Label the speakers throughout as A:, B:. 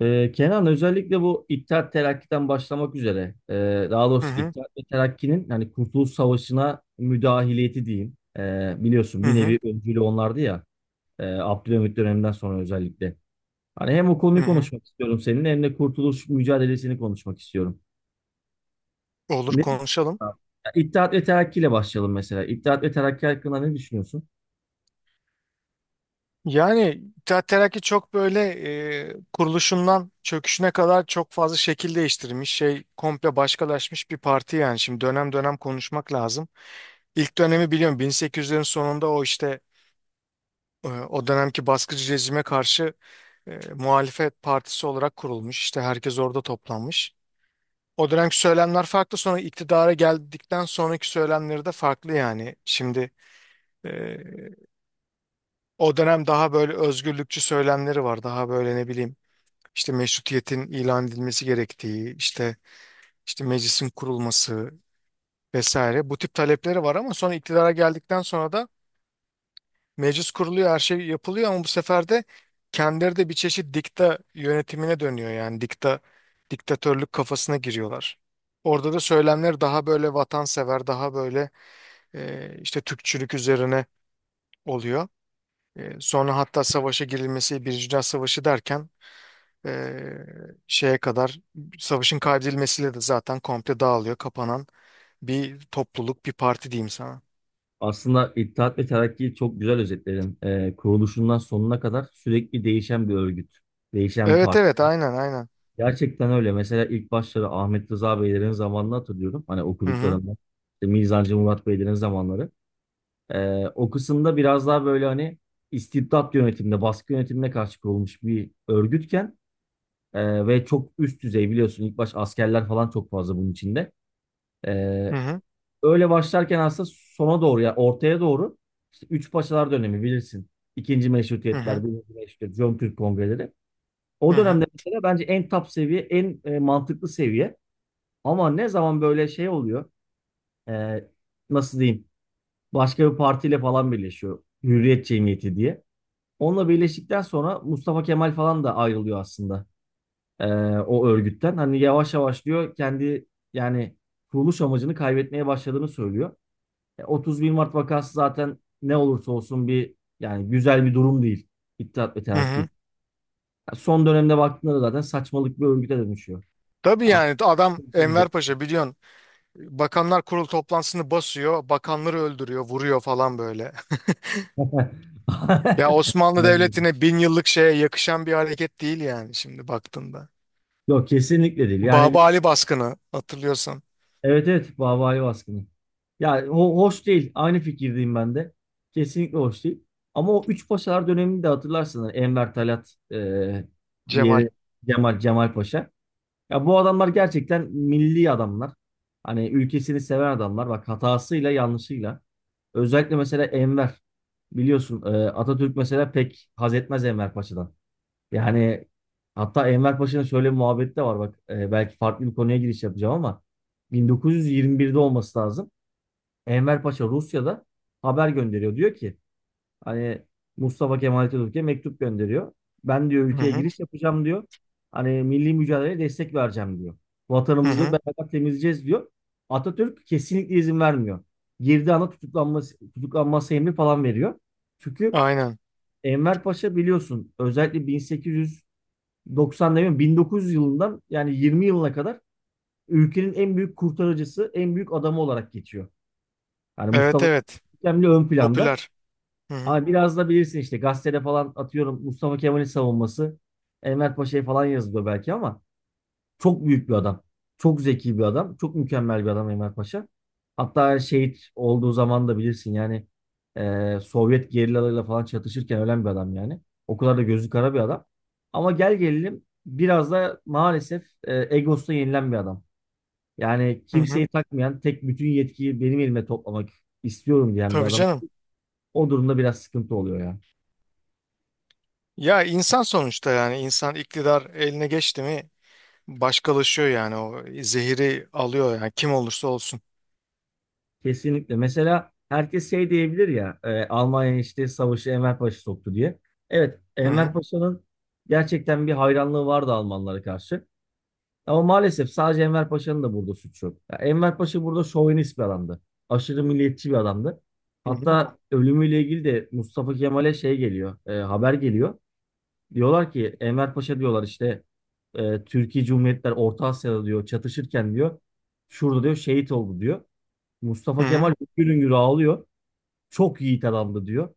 A: Kenan özellikle bu İttihat Terakki'den başlamak üzere daha
B: Hı
A: doğrusu
B: hı,
A: İttihat ve Terakki'nin hani Kurtuluş Savaşı'na müdahiliyeti diyeyim. Biliyorsun
B: hı
A: bir
B: hı,
A: nevi öncülü onlardı ya Abdülhamit döneminden sonra özellikle. Hani hem o
B: hı
A: konuyu
B: hı.
A: konuşmak istiyorum seninle hem de Kurtuluş mücadelesini konuşmak istiyorum.
B: Olur
A: Ne
B: konuşalım.
A: ya İttihat ve Terakki ile başlayalım mesela. İttihat ve Terakki hakkında ne düşünüyorsun?
B: Yani İttihat Terakki çok böyle kuruluşundan çöküşüne kadar çok fazla şekil değiştirmiş. Şey komple başkalaşmış bir parti yani. Şimdi dönem dönem konuşmak lazım. İlk dönemi biliyorum 1800'lerin sonunda o işte o dönemki baskıcı rejime karşı muhalefet partisi olarak kurulmuş. İşte herkes orada toplanmış. O dönemki söylemler farklı, sonra iktidara geldikten sonraki söylemleri de farklı yani. Şimdi o dönem daha böyle özgürlükçü söylemleri var. Daha böyle ne bileyim, işte meşrutiyetin ilan edilmesi gerektiği, işte meclisin kurulması vesaire. Bu tip talepleri var ama sonra iktidara geldikten sonra da meclis kuruluyor, her şey yapılıyor ama bu sefer de kendileri de bir çeşit dikta yönetimine dönüyor, yani diktatörlük kafasına giriyorlar. Orada da söylemler daha böyle vatansever, daha böyle işte Türkçülük üzerine oluyor. Sonra hatta savaşa girilmesi, Birinci Dünya Savaşı derken Ee, şeye kadar savaşın kaybedilmesiyle de zaten komple dağılıyor, kapanan bir topluluk, bir parti diyeyim sana.
A: Aslında İttihat ve Terakki'yi çok güzel özetledin. Kuruluşundan sonuna kadar sürekli değişen bir örgüt, değişen bir
B: Evet
A: parti.
B: evet, aynen aynen.
A: Gerçekten öyle. Mesela ilk başları Ahmet Rıza Beylerin zamanını hatırlıyorum. Hani
B: Hı hı,
A: okuduklarımdan. İşte Mizancı Murat Beylerin zamanları. O kısımda biraz daha böyle hani istibdat yönetimine, baskı yönetimine karşı kurulmuş bir örgütken ve çok üst düzey biliyorsun ilk baş askerler falan çok fazla bunun içinde. Ee,
B: hı hı,
A: Öyle başlarken aslında sona doğru ya ortaya doğru işte Üç Paşalar dönemi bilirsin. İkinci
B: hı hı,
A: Meşrutiyetler, birinci Meşrutiyet, Jön Türk Kongreleri. O
B: hı hı.
A: dönemde mesela bence en top seviye, en mantıklı seviye. Ama ne zaman böyle şey oluyor, e, nasıl diyeyim, başka bir partiyle falan birleşiyor. Hürriyet Cemiyeti diye. Onunla birleştikten sonra Mustafa Kemal falan da ayrılıyor aslında e, o örgütten. Hani yavaş yavaş diyor kendi yani kuruluş amacını kaybetmeye başladığını söylüyor. 31 Mart vakası zaten ne olursa olsun bir yani güzel bir durum değil. İttihat ve
B: Hı hı.
A: Terakki. Ya son dönemde baktığında da zaten saçmalık bir örgüte dönüşüyor.
B: Tabii,
A: Ya,
B: yani adam Enver Paşa biliyorsun, Bakanlar Kurulu toplantısını basıyor, bakanları öldürüyor, vuruyor falan böyle. Ya Osmanlı
A: aynen.
B: Devleti'ne bin yıllık şeye yakışan bir hareket değil yani, şimdi baktığında.
A: Yok kesinlikle değil. Yani bir,
B: Baba Ali baskını hatırlıyorsan.
A: evet, evet, Bahvani baskını. Yani hoş değil. Aynı fikirdeyim ben de. Kesinlikle hoş değil. Ama o üç paşalar döneminde hatırlarsınız. Enver Talat,
B: Cemal.
A: diğeri Cemal, Cemal Paşa. Ya bu adamlar gerçekten milli adamlar. Hani ülkesini seven adamlar. Bak hatasıyla yanlışıyla. Özellikle mesela Enver. Biliyorsun Atatürk mesela pek haz etmez Enver Paşa'dan. Yani hatta Enver Paşa'nın şöyle bir muhabbeti de var bak. Belki farklı bir konuya giriş yapacağım ama 1921'de olması lazım. Enver Paşa Rusya'da haber gönderiyor. Diyor ki hani Mustafa Kemal Atatürk'e mektup gönderiyor. Ben diyor
B: Hı
A: ülkeye
B: hı,
A: giriş yapacağım diyor. Hani milli mücadeleye destek vereceğim diyor.
B: hı
A: Vatanımızı diyor,
B: hı.
A: beraber temizleyeceğiz diyor. Atatürk kesinlikle izin vermiyor. Girdiği anda tutuklanması emri falan veriyor. Çünkü
B: Aynen.
A: Enver Paşa biliyorsun özellikle bin sekiz yüz 90 demiyorum, 1900 yılından yani 20 yılına kadar ülkenin en büyük kurtarıcısı, en büyük adamı olarak geçiyor. Yani
B: Evet
A: Mustafa
B: evet.
A: Kemal ön planda.
B: Popüler. Hı hı.
A: Ama biraz da bilirsin işte gazetede falan atıyorum Mustafa Kemal'in savunması, Enver Paşa'yı falan yazılıyor belki ama çok büyük bir adam. Çok zeki bir adam. Çok mükemmel bir adam Enver Paşa. Hatta şehit olduğu zaman da bilirsin yani Sovyet gerillalarıyla falan çatışırken ölen bir adam yani. O kadar da gözü kara bir adam. Ama gel gelelim biraz da maalesef egosuna yenilen bir adam. Yani
B: Hı hı.
A: kimseyi takmayan, tek bütün yetkiyi benim elime toplamak istiyorum diyen bir
B: Tabii
A: adam.
B: canım.
A: O durumda biraz sıkıntı oluyor ya.
B: Ya insan sonuçta, yani insan iktidar eline geçti mi başkalaşıyor yani, o zehiri alıyor yani, kim olursa olsun.
A: Kesinlikle. Mesela herkes şey diyebilir ya Almanya işte savaşı Enver Paşa soktu diye. Evet,
B: Hı
A: Enver
B: hı.
A: Paşa'nın gerçekten bir hayranlığı vardı Almanlara karşı. Ama maalesef sadece Enver Paşa'nın da burada suçu yok. Ya Enver Paşa burada şovinist bir adamdı. Aşırı milliyetçi bir adamdı.
B: Hı hı.
A: Hatta ölümüyle ilgili de Mustafa Kemal'e şey geliyor, haber geliyor. Diyorlar ki Enver Paşa, diyorlar işte Türkiye Cumhuriyetler Orta Asya'da diyor, çatışırken diyor, şurada diyor şehit oldu diyor. Mustafa
B: Hı
A: Kemal
B: hı.
A: hüngür hüngür ağlıyor. Çok yiğit adamdı diyor.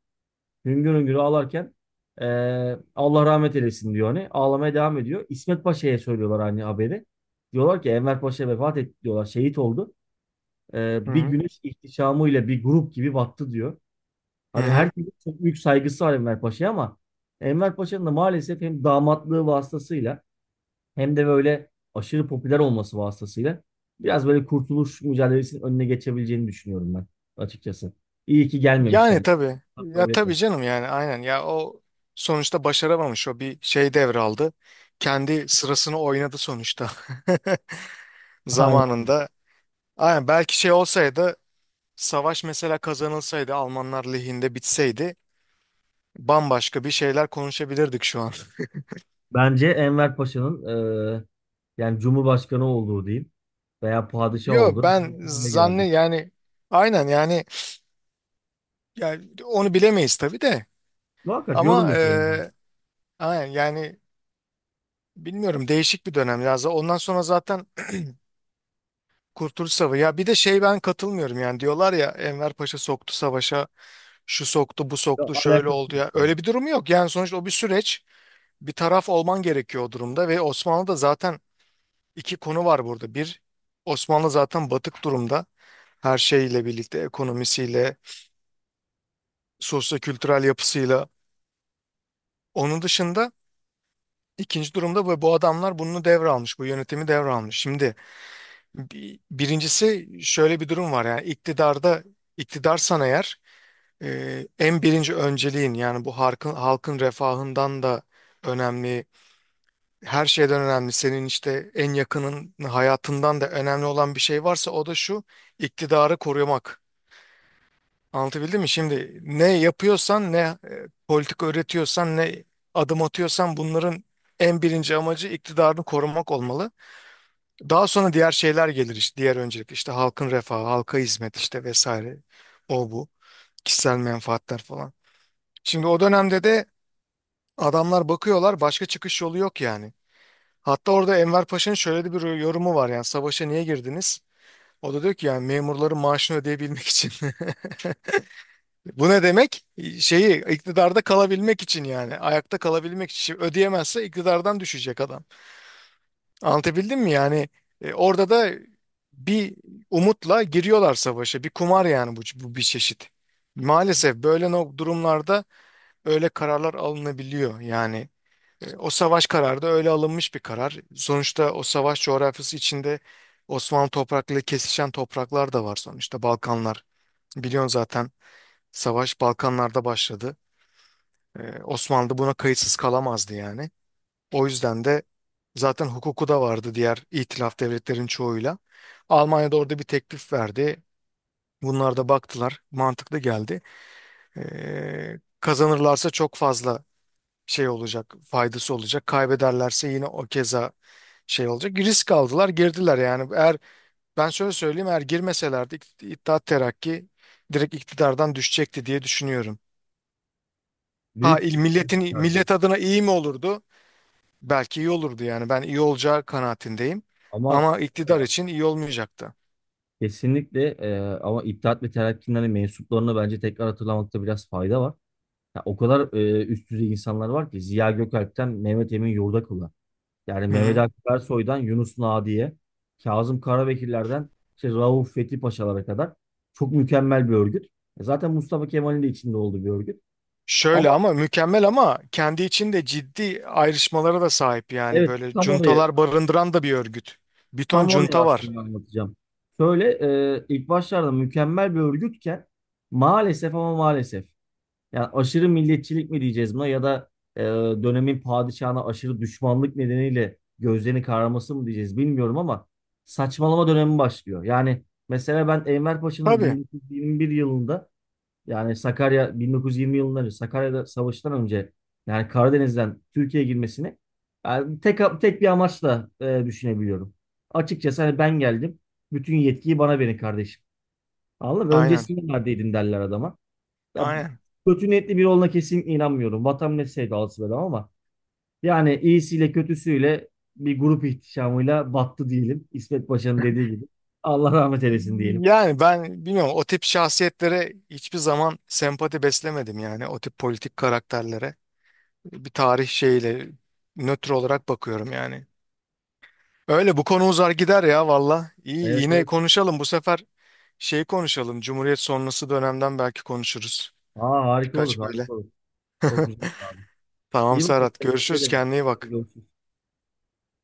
A: Hüngür hüngür ağlarken Allah rahmet eylesin diyor hani. Ağlamaya devam ediyor. İsmet Paşa'ya söylüyorlar hani haberi. Diyorlar ki Enver Paşa vefat etti diyorlar. Şehit oldu.
B: Hı
A: Bir
B: hı.
A: güneş ihtişamıyla bir grup gibi battı diyor.
B: Hı
A: Hani
B: hı.
A: herkesin çok büyük saygısı var Enver Paşa'ya ama Enver Paşa'nın da maalesef hem damatlığı vasıtasıyla hem de böyle aşırı popüler olması vasıtasıyla biraz böyle kurtuluş mücadelesinin önüne geçebileceğini düşünüyorum ben açıkçası. İyi ki gelmemiş
B: Yani
A: yani.
B: tabii. Ya
A: Kabul
B: tabii
A: etmem.
B: canım, yani aynen ya, o sonuçta başaramamış, o bir şey devraldı. Kendi sırasını oynadı sonuçta,
A: Aynen.
B: zamanında. Aynen, belki şey olsaydı, savaş mesela kazanılsaydı, Almanlar lehinde bitseydi, bambaşka bir şeyler konuşabilirdik şu an.
A: Bence Enver Paşa'nın eee, yani Cumhurbaşkanı olduğu diyeyim veya padişah
B: Yo,
A: olduğu bir
B: ben
A: döneme
B: zanne
A: girerdik.
B: yani, aynen yani, onu bilemeyiz tabii de,
A: Muhakkak yorum
B: ama
A: yapıyorum.
B: aynen yani, bilmiyorum, değişik bir dönem ya. Ondan sonra zaten Kurtuluş Savaşı, ya bir de şey, ben katılmıyorum yani, diyorlar ya Enver Paşa soktu savaşa, şu soktu bu
A: Ya,
B: soktu şöyle
A: alakası
B: oldu,
A: yok.
B: ya
A: Yani.
B: öyle bir durum yok yani, sonuçta o bir süreç, bir taraf olman gerekiyor o durumda ve Osmanlı da zaten... İki konu var burada. Bir, Osmanlı zaten batık durumda. Her şeyle birlikte, ekonomisiyle, sosyo-kültürel yapısıyla. Onun dışında ikinci durumda bu adamlar bunu devralmış, bu yönetimi devralmış. Şimdi birincisi şöyle bir durum var, yani iktidarda, iktidarsan eğer en birinci önceliğin, yani bu halkın refahından da önemli, her şeyden önemli, senin işte en yakının hayatından da önemli olan bir şey varsa o da şu: iktidarı korumak. Anlatabildim mi? Şimdi ne yapıyorsan, ne politika üretiyorsan, ne adım atıyorsan bunların en birinci amacı iktidarını korumak olmalı. Daha sonra diğer şeyler gelir, işte diğer öncelik işte halkın refahı, halka hizmet işte vesaire, o bu kişisel menfaatler falan. Şimdi o dönemde de adamlar bakıyorlar, başka çıkış yolu yok yani. Hatta orada Enver Paşa'nın şöyle de bir yorumu var, yani savaşa niye girdiniz? O da diyor ki yani memurların maaşını ödeyebilmek için. Bu ne demek? Şeyi iktidarda kalabilmek için, yani ayakta kalabilmek için. Şimdi ödeyemezse iktidardan düşecek adam. Anlatabildim mi? Yani orada da bir umutla giriyorlar savaşa. Bir kumar yani bu bir çeşit. Maalesef böyle durumlarda öyle kararlar alınabiliyor. Yani o savaş kararı da öyle alınmış bir karar. Sonuçta o savaş coğrafyası içinde Osmanlı topraklarıyla kesişen topraklar da var sonuçta, Balkanlar. Biliyorsun zaten savaş Balkanlarda başladı. Osmanlı buna kayıtsız kalamazdı yani. O yüzden de zaten hukuku da vardı diğer itilaf devletlerin çoğuyla. Almanya'da orada bir teklif verdi. Bunlar da baktılar, mantıklı geldi. Kazanırlarsa çok fazla şey olacak, faydası olacak. Kaybederlerse yine o keza şey olacak. Risk aldılar, girdiler yani. Eğer ben şöyle söyleyeyim, eğer girmeselerdi İttihat Terakki direkt iktidardan düşecekti diye düşünüyorum. Ha,
A: Büyük
B: il
A: ihtimalle
B: milletin
A: çıkardı.
B: millet adına iyi mi olurdu? Belki iyi olurdu yani. Ben iyi olacağı kanaatindeyim.
A: Ama
B: Ama
A: şu
B: iktidar
A: var.
B: için iyi olmayacaktı.
A: Kesinlikle, ama İttihat ve Terakki'nin hani mensuplarını bence tekrar hatırlamakta biraz fayda var. Ya o kadar üst düzey insanlar var ki Ziya Gökalp'ten Mehmet Emin Yurdakoğlu'na. Yani
B: Hı
A: Mehmet
B: hı.
A: Akif Ersoy'dan Yunus Nadi'ye, Kazım Karabekirler'den işte Rauf Fethi Paşalara kadar çok mükemmel bir örgüt. Zaten Mustafa Kemal'in de içinde olduğu bir örgüt.
B: Şöyle,
A: Ama
B: ama mükemmel ama kendi içinde ciddi ayrışmalara da sahip yani,
A: evet,
B: böyle
A: tam oraya,
B: cuntalar barındıran da bir örgüt. Bir ton cunta var.
A: aslında anlatacağım. Şöyle ilk başlarda mükemmel bir örgütken maalesef, ama maalesef. Yani aşırı milliyetçilik mi diyeceğiz buna, ya da e, dönemin padişahına aşırı düşmanlık nedeniyle gözlerini kararması mı diyeceğiz bilmiyorum ama saçmalama dönemi başlıyor. Yani mesela ben Enver Paşa'nın
B: Tabii.
A: 1921 yılında, yani Sakarya 1920 yılından önce, Sakarya'da savaştan önce yani Karadeniz'den Türkiye'ye girmesini yani tek tek bir amaçla düşünebiliyorum. Açıkçası hani ben geldim. Bütün yetkiyi bana verin kardeşim. Anladın mı?
B: Aynen.
A: Öncesinde neredeydin derler adama. Ya,
B: Aynen.
A: kötü niyetli biri olduğuna kesinlikle inanmıyorum. Vatan millet sevdalısı bir adam ama yani iyisiyle kötüsüyle bir grup ihtişamıyla battı diyelim. İsmet Paşa'nın dediği gibi. Allah rahmet eylesin diyelim.
B: Yani ben bilmiyorum, o tip şahsiyetlere hiçbir zaman sempati beslemedim yani, o tip politik karakterlere. Bir tarih şeyiyle nötr olarak bakıyorum yani. Öyle, bu konu uzar gider ya valla. İyi,
A: Evet,
B: yine
A: evet.
B: konuşalım bu sefer, şey konuşalım. Cumhuriyet sonrası dönemden belki konuşuruz.
A: Aa, harika olur,
B: Birkaç böyle.
A: harika olur. Çok güzel abi.
B: Tamam
A: İyi bakın.
B: Serhat,
A: Teşekkür
B: görüşürüz,
A: ederim.
B: kendine iyi
A: Hadi
B: bak.
A: görüşürüz.